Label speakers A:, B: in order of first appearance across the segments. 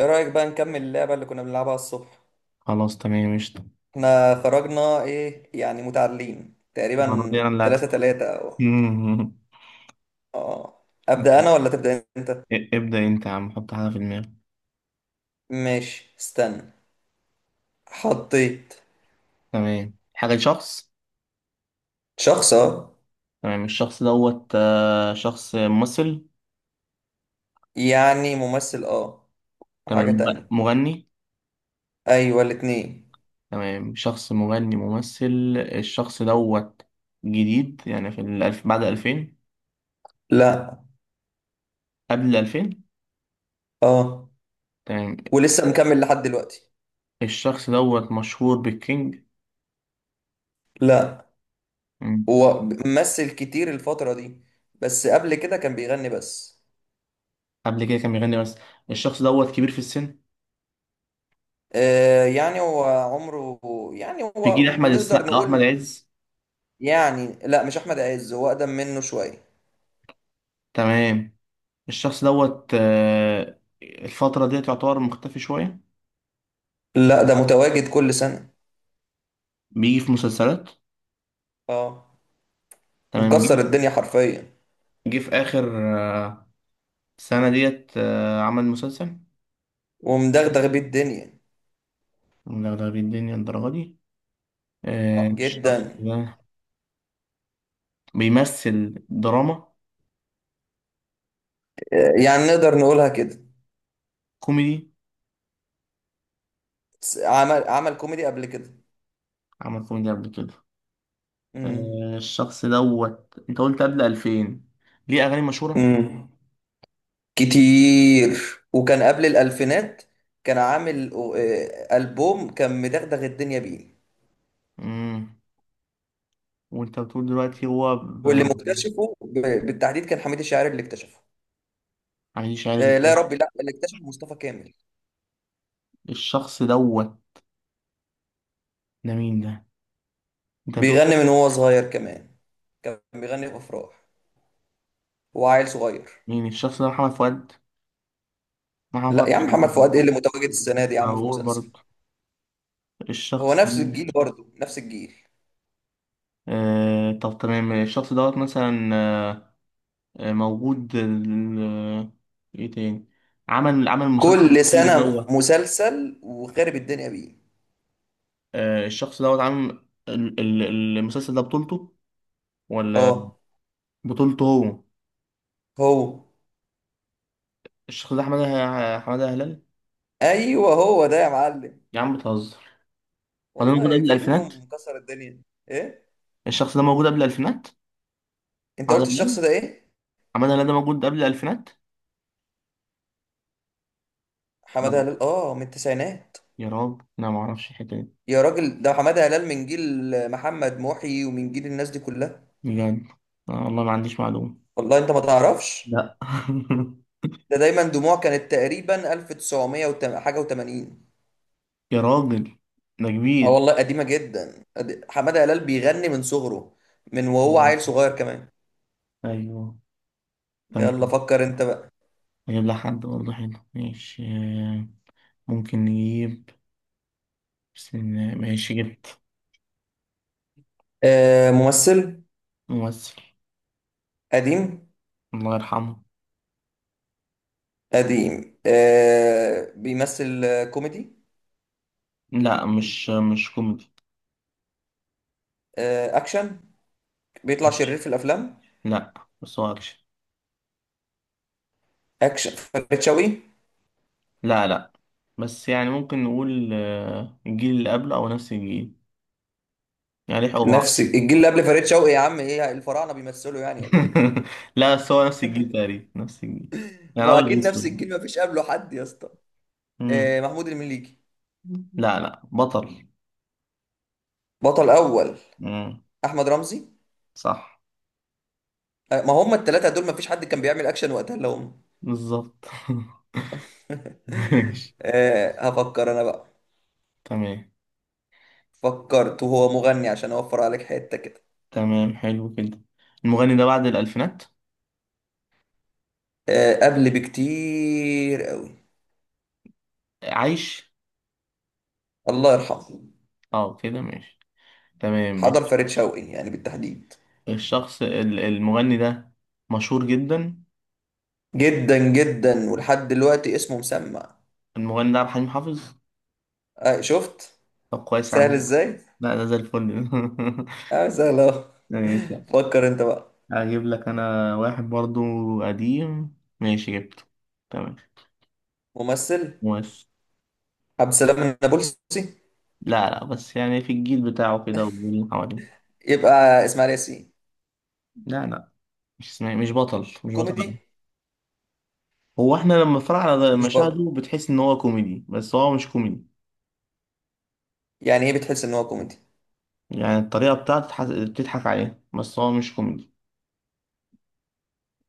A: ايه رأيك بقى نكمل اللعبة اللي كنا بنلعبها الصبح؟
B: خلاص تمام قشطة.
A: احنا خرجنا ايه يعني متعادلين
B: المرة
A: تقريبا،
B: دي أنا اللي
A: تلاتة
B: هكسب.
A: تلاتة، او
B: مم.
A: اه ابدأ انا ولا تبدأ انت؟
B: ابدأ أنت يا عم، حط حاجة في دماغك.
A: ماشي استنى. حطيت.
B: تمام، حاجة شخص.
A: شخص، اه.
B: تمام، الشخص دوت شخص ممثل.
A: يعني ممثل، اه.
B: تمام.
A: وحاجة تانية.
B: مغني.
A: ايوه الاتنين.
B: تمام، شخص مغني ممثل. الشخص دوت جديد يعني في الألف بعد ألفين؟
A: لا.
B: قبل الألفين.
A: اه.
B: تمام.
A: ولسه مكمل لحد دلوقتي.
B: الشخص دوت مشهور بالكينج؟
A: لا
B: مم.
A: هو ممثل كتير الفترة دي، بس قبل كده كان بيغني بس.
B: قبل كده كان بيغني بس. الشخص دوت كبير في السن،
A: يعني هو عمره، يعني
B: في جيل
A: هو
B: أحمد
A: نقدر
B: السقا وأحمد
A: نقول.
B: عز.
A: يعني لا، مش احمد عز، هو اقدم منه شويه.
B: تمام. الشخص دوت الفترة ديت يعتبر مختفي شوية.
A: لا ده متواجد كل سنه.
B: بيجي في مسلسلات.
A: اه
B: تمام.
A: مكسر
B: جه.
A: الدنيا حرفيا
B: جه في آخر آه، سنة ديت عمل مسلسل.
A: ومدغدغ بيه الدنيا.
B: مدغدغ الدنيا الدرجة دي؟
A: اه
B: الشخص
A: جدا.
B: ده بيمثل دراما؟
A: يعني نقدر نقولها كده.
B: كوميدي.
A: عمل كوميدي قبل كده.
B: عمل كوميدي قبل كده.
A: امم
B: الشخص دوت انت قلت قبل 2000، ليه أغاني مشهورة؟
A: امم كتير. وكان قبل الالفينات، كان عامل البوم، كان مدغدغ الدنيا بيه.
B: مم. وانت بتقول دلوقتي هو
A: واللي مكتشفه بالتحديد كان حميد الشاعري اللي اكتشفه.
B: عايش عادي
A: لا يا
B: كده.
A: ربي، لا اللي اكتشفه مصطفى كامل.
B: الشخص دوت، ده مين ده؟ انت بتقول
A: بيغني من وهو صغير كمان، كان بيغني في افراح، هو عيل صغير.
B: مين الشخص ده؟ محمد فؤاد؟ محمد
A: لا يا عم، محمد
B: فؤاد
A: فؤاد ايه اللي متواجد السنه دي يا عم في
B: موجود
A: مسلسل؟
B: برضه.
A: هو
B: الشخص
A: نفس
B: ده.
A: الجيل برضه نفس الجيل.
B: آه طب تمام، الشخص دوت مثلا آه، موجود ايه تاني، عمل عمل المسلسل
A: كل
B: الأخير
A: سنه
B: دوت؟
A: مسلسل وخارب الدنيا بيه.
B: آه، الشخص دوت عامل المسلسل ده بطولته؟ ولا
A: اه
B: بطولته هو؟
A: هو.
B: الشخص ده حمادة هلال؟
A: ايوه هو ده يا معلم.
B: يا عم بتهزر! هو ده موجود قبل
A: والله في
B: الألفينات؟
A: غيرهم مكسر الدنيا. ايه.
B: الشخص ده موجود قبل الألفينات؟
A: انت
B: حمادة
A: قلت الشخص
B: هلال؟
A: ده ايه؟
B: حمادة هلال ده موجود قبل الألفينات؟ لا،
A: حماده هلال، اه من التسعينات.
B: يا رب انا ما اعرفش الحته دي.
A: يا راجل ده حماده هلال من جيل محمد محي ومن جيل الناس دي كلها.
B: بجد؟ آه والله ما عنديش معلومة.
A: والله انت ما تعرفش.
B: لا
A: ده دايما دموع، كانت تقريبا 1900 حاجه و80.
B: يا راجل ده
A: اه
B: كبير.
A: والله قديمه جدا، حماده هلال بيغني من صغره، من وهو
B: مم.
A: عيل صغير كمان.
B: أيوه،
A: يلا
B: تمام.
A: فكر انت بقى.
B: نجيب لها حد برضه حلو، ماشي ممكن نجيب، بس إن- ماشي، جبت.
A: آه ممثل.
B: ممثل.
A: قديم.
B: الله يرحمه.
A: قديم، بيمثل، كوميدي.
B: لا، مش مش كوميدي.
A: آه اكشن، بيطلع شرير في الافلام.
B: لا بس هو أكشن.
A: اكشن، فريد شوقي.
B: لا لا، بس يعني ممكن نقول الجيل اللي قبله أو نفس الجيل، يعني لحقوا
A: نفس
B: بعض.
A: الجيل اللي قبل فريد شوقي يا عم؟ ايه الفراعنه بيمثلوا يعني ولا ايه؟
B: لا، بس هو نفس الجيل تقريبا، نفس الجيل.
A: ما
B: يعني
A: هو
B: أبيض
A: اكيد نفس
B: وأسود.
A: الجيل، ما فيش قبله حد يا اسطى. آه، محمود المليجي.
B: لا لا، بطل.
A: بطل اول.
B: مم.
A: احمد رمزي.
B: صح.
A: ما هم التلاتة دول مفيش حد كان بيعمل اكشن وقتها الا هم.
B: بالظبط. ماشي.
A: هفكر انا بقى.
B: تمام.
A: فكرت، وهو مغني عشان اوفر عليك حتة كده.
B: تمام، حلو كده. المغني ده بعد الألفينات؟
A: قبل بكتير قوي.
B: عايش؟
A: الله يرحمه.
B: اه كده ماشي. تمام
A: حضر
B: ماشي.
A: فريد شوقي يعني بالتحديد.
B: المغني ده مشهور جدا؟
A: جدا جدا، ولحد دلوقتي اسمه مسمع.
B: المغني ده عبد الحليم حافظ.
A: آه، شفت؟
B: طب كويس يا
A: سهل
B: عم.
A: ازاي.
B: لا ده زي الفل.
A: اه سهل اهو.
B: ماشي.
A: فكر انت بقى.
B: هجيب لك انا واحد برضو. قديم. ماشي، جبته. تمام.
A: ممثل.
B: بس.
A: عبد السلام النابلسي.
B: لا لا، بس يعني في الجيل بتاعه كده والجيل اللي حواليه.
A: يبقى اسماعيل ياسين.
B: لا لا، مش اسمه، مش بطل. مش بطل أوي.
A: كوميدي.
B: هو احنا لما بنتفرج على
A: مش بط.
B: مشاهده بتحس ان هو كوميدي، بس هو مش كوميدي.
A: يعني ايه بتحس ان هو كوميدي؟
B: يعني الطريقه بتاعته بتضحك عليها، بس هو مش كوميدي.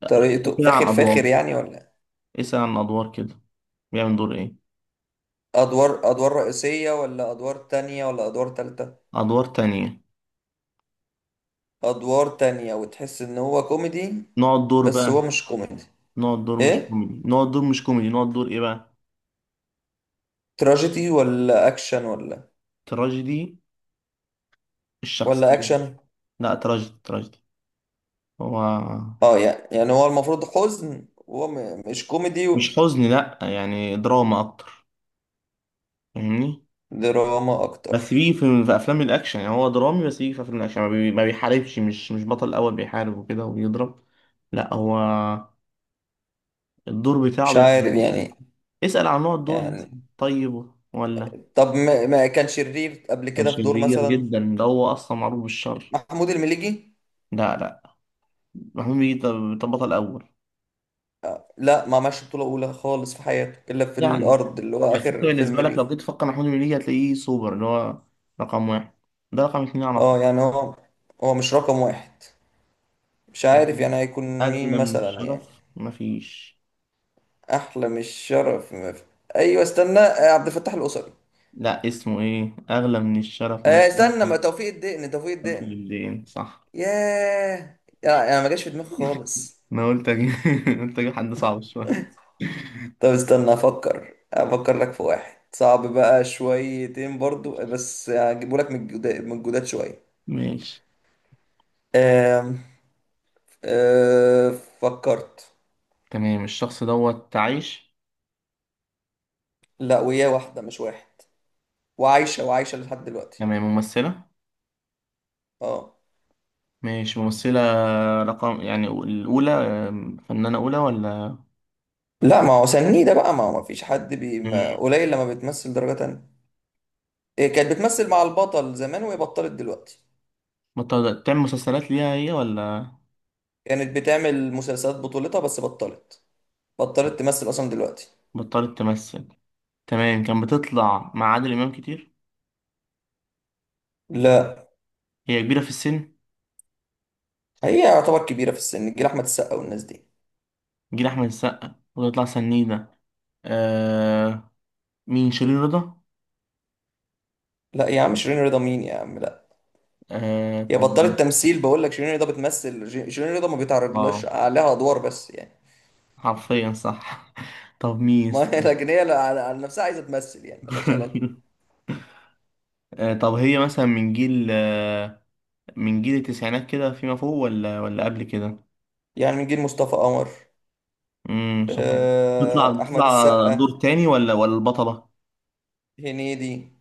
B: اسأل
A: طريقته
B: كده
A: فاخر
B: عن
A: فاخر
B: ادوار.
A: يعني ولا؟
B: اسال عن ادوار كده. بيعمل دور ايه.
A: ادوار، ادوار رئيسية ولا ادوار تانية ولا ادوار تالتة؟
B: ادوار تانية.
A: ادوار تانية، وتحس ان هو كوميدي
B: نقعد دور
A: بس هو
B: بقى.
A: مش كوميدي.
B: نقعد دور مش
A: ايه،
B: كوميدي. نقعد دور مش كوميدي. نقعد دور ايه بقى؟
A: تراجيدي ولا اكشن؟ ولا
B: تراجيدي.
A: ولا
B: الشخصيه.
A: اكشن.
B: لا، تراجيدي تراجيدي هو.
A: اه يعني، يعني هو المفروض حزن وهو مش كوميدي
B: مش
A: و-.
B: حزن، لا، يعني دراما اكتر، فاهمني.
A: دراما اكتر.
B: بس بيجي في, افلام الاكشن، يعني هو درامي، بس بيجي في افلام الاكشن ما بيحاربش. مش بطل اول، بيحارب وكده وبيضرب. لا هو، الدور بتاعه
A: مش عارف
B: بيبقى.
A: يعني.
B: اسأل عن نوع الدور
A: يعني
B: مثلا طيب ولا.
A: طب ما كان شرير قبل
B: كان
A: كده في دور
B: شرير
A: مثلا؟
B: جدا، ده هو اصلا معروف بالشر.
A: محمود المليجي.
B: لا لا. محمود بيجي؟ طب بطل اول.
A: لا ما عملش بطولة أولى خالص في حياته إلا في
B: يعني
A: الأرض اللي هو
B: بس انت
A: آخر فيلم
B: بالنسبه لك لو جيت
A: ليه.
B: تفكر محمود بيجي، هتلاقيه سوبر، اللي هو رقم واحد. ده رقم اتنين على
A: اه
B: طول.
A: يعني هو، هو مش رقم واحد. مش عارف
B: يعني
A: يعني هيكون. مين
B: اغلى من
A: مثلا يعني؟
B: الشرف مفيش.
A: احلى مش شرف ايوه استنى، عبد الفتاح القصري.
B: لا اسمه ايه؟ اغلى من الشرف مفيش.
A: استنى، ما توفيق الدقن، توفيق
B: اخد
A: الدقن.
B: بالدين صح.
A: ياه يا، انا ما جاش في دماغي خالص.
B: انا قلت اجيب. قلت اجيب حد صعب شويه.
A: طب استنى افكر، افكر لك في واحد صعب بقى شويتين برضو، بس هجيبه لك من الجداد، من الجداد شويه.
B: ماشي.
A: آم، آه، فكرت.
B: تمام، الشخص دوت عايش.
A: لا وياه، واحده مش واحد، وعايشه وعايشه لحد دلوقتي.
B: تمام، ممثلة.
A: اه.
B: ماشي ممثلة. رقم يعني الأولى، فنانة أولى ولا؟
A: لا ما هو سنيدة بقى، ما هو ما فيش حد بي، ما
B: مم.
A: قليل لما بتمثل درجة تانية. إيه كانت بتمثل مع البطل زمان، وهي بطلت دلوقتي.
B: بطلت تعمل مسلسلات ليها هي ولا؟
A: كانت بتعمل مسلسلات بطولتها بس بطلت، بطلت تمثل أصلا دلوقتي.
B: بطلت تمثل. تمام. كان بتطلع مع عادل إمام كتير؟
A: لا.
B: هي كبيرة في السن،
A: هي يعتبر كبيرة في السن، جيل أحمد السقا والناس دي.
B: جيل أحمد السقا؟ وتطلع سنيدة. آه. مين؟ شيرين رضا؟
A: لا يا عم، شيرين رضا مين يا عم، لا.
B: آه
A: هي
B: طب مين؟
A: بطلت تمثيل، بقول لك شيرين رضا بتمثل، شيرين رضا ما بيتعرضلهاش
B: اه
A: عليها أدوار، بس يعني.
B: حرفيا صح. طب مين؟
A: ما هي لكن هي على نفسها عايزة تمثل يعني، ملهاش علاقة.
B: طب هي مثلا من جيل من جيل التسعينات كده فيما فوق ولا قبل كده؟
A: يعني من جيل مصطفى قمر،
B: امم، صعب. بتطلع
A: آه، أحمد
B: بتطلع
A: السقا.
B: دور تاني ولا البطلة؟
A: هنيدي.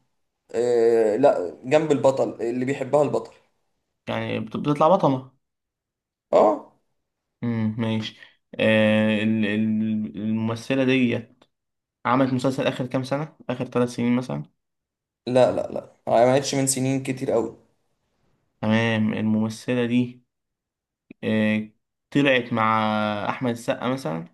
A: آه لا، جنب البطل، اللي بيحبها البطل.
B: يعني بتطلع بطلة.
A: اه.
B: ماشي. الممثلة دي عملت مسلسل آخر كام سنة؟ آخر ثلاث سنين مثلا.
A: لا لا، لا عملتش من سنين كتير قوي.
B: تمام، الممثلة دي آه، طلعت مع أحمد السقا مثلا.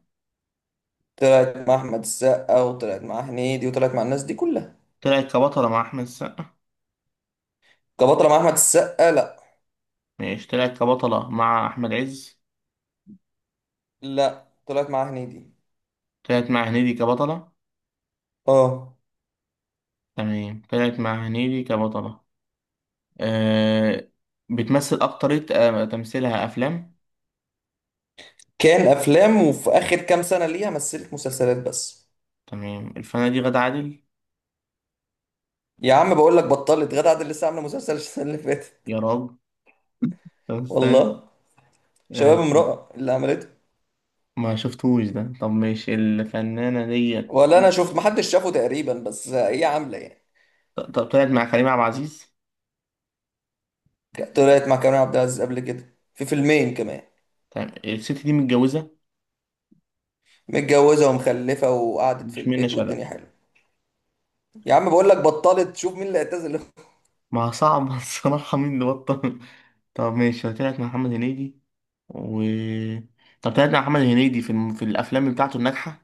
A: طلعت مع احمد السقا وطلعت مع هنيدي وطلعت مع الناس دي كلها.
B: طلعت كبطلة مع أحمد السقا؟
A: كبطلة مع احمد السقا لا.
B: ماشي، طلعت كبطلة مع أحمد عز؟
A: لا، طلعت مع هنيدي.
B: طلعت مع هنيدي كبطلة؟
A: اه.
B: تمام، طلعت مع هنيدي كبطلة. أه. بتمثل أكترية؟ أه، تمثيلها أفلام.
A: كان افلام، وفي اخر كام سنة ليها مثلت مسلسلات بس.
B: تمام، الفنانة دي غادة عادل؟
A: يا عم بقول لك بطلت، غادة عادل لسه عاملة مسلسل السنة اللي فاتت.
B: يا راجل. طب استنى.
A: والله. شباب
B: أه،
A: امرأة اللي عملته.
B: ما شفتوش ده. طب ماشي، الفنانة ديت
A: ولا انا شفت، محدش شافه تقريبا، بس هي عاملة يعني.
B: طب طلعت مع كريم عبد العزيز؟
A: طلعت مع كريم عبد العزيز قبل كده، في فيلمين كمان.
B: تمام، الست دي متجوزة؟
A: متجوزة ومخلفة وقعدت في
B: مش منة
A: البيت والدنيا
B: شلبي؟
A: حلوة. يا عم بقول لك بطلت، شوف مين اللي اعتزل.
B: ما صعب. الصراحة مين اللي بطل؟ طب ماشي، طلعت مع محمد هنيدي و، طب طلعت مع محمد هنيدي في في الأفلام بتاعته الناجحة؟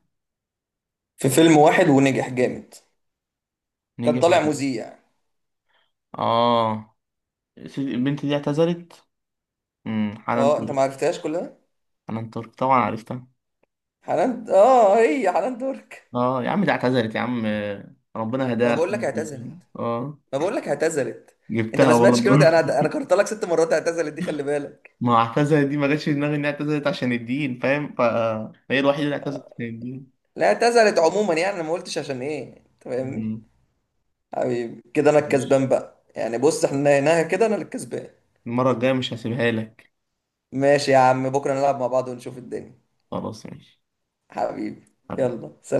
A: في فيلم واحد ونجح جامد. كان
B: نجح.
A: طالع مذيع.
B: اه. البنت دي اعتذرت. امم، حنان
A: اه انت ما
B: ترك.
A: عرفتهاش كلها.
B: حنان ترك طبعا عرفتها.
A: حنان، اه هي حنان ترك.
B: اه يا عم، دي اعتذرت يا عم، ربنا
A: ما
B: هداها
A: بقول لك
B: الحمد
A: اعتزلت.
B: لله. اه.
A: ما بقول لك اعتزلت. انت ما
B: جبتها برضه.
A: سمعتش كلمة، انا كررت لك 6 مرات اعتزلت دي، خلي بالك.
B: ما هو اعتذرت دي ما جاتش في دماغي انها اعتذرت عشان الدين، فاهم، فهي الوحيده اللي اعتزلت عشان الدين.
A: لا اعتزلت عموما يعني، انا ما قلتش عشان ايه، انت فاهمني.
B: مم.
A: حبيبي كده انا الكسبان بقى يعني، بص احنا هنا كده انا اللي الكسبان.
B: المره الجايه مش هسيبها لك.
A: ماشي يا عم، بكرة نلعب مع بعض ونشوف الدنيا.
B: خلاص ماشي.
A: حبيبي.
B: حبيبي.
A: يلا سلام.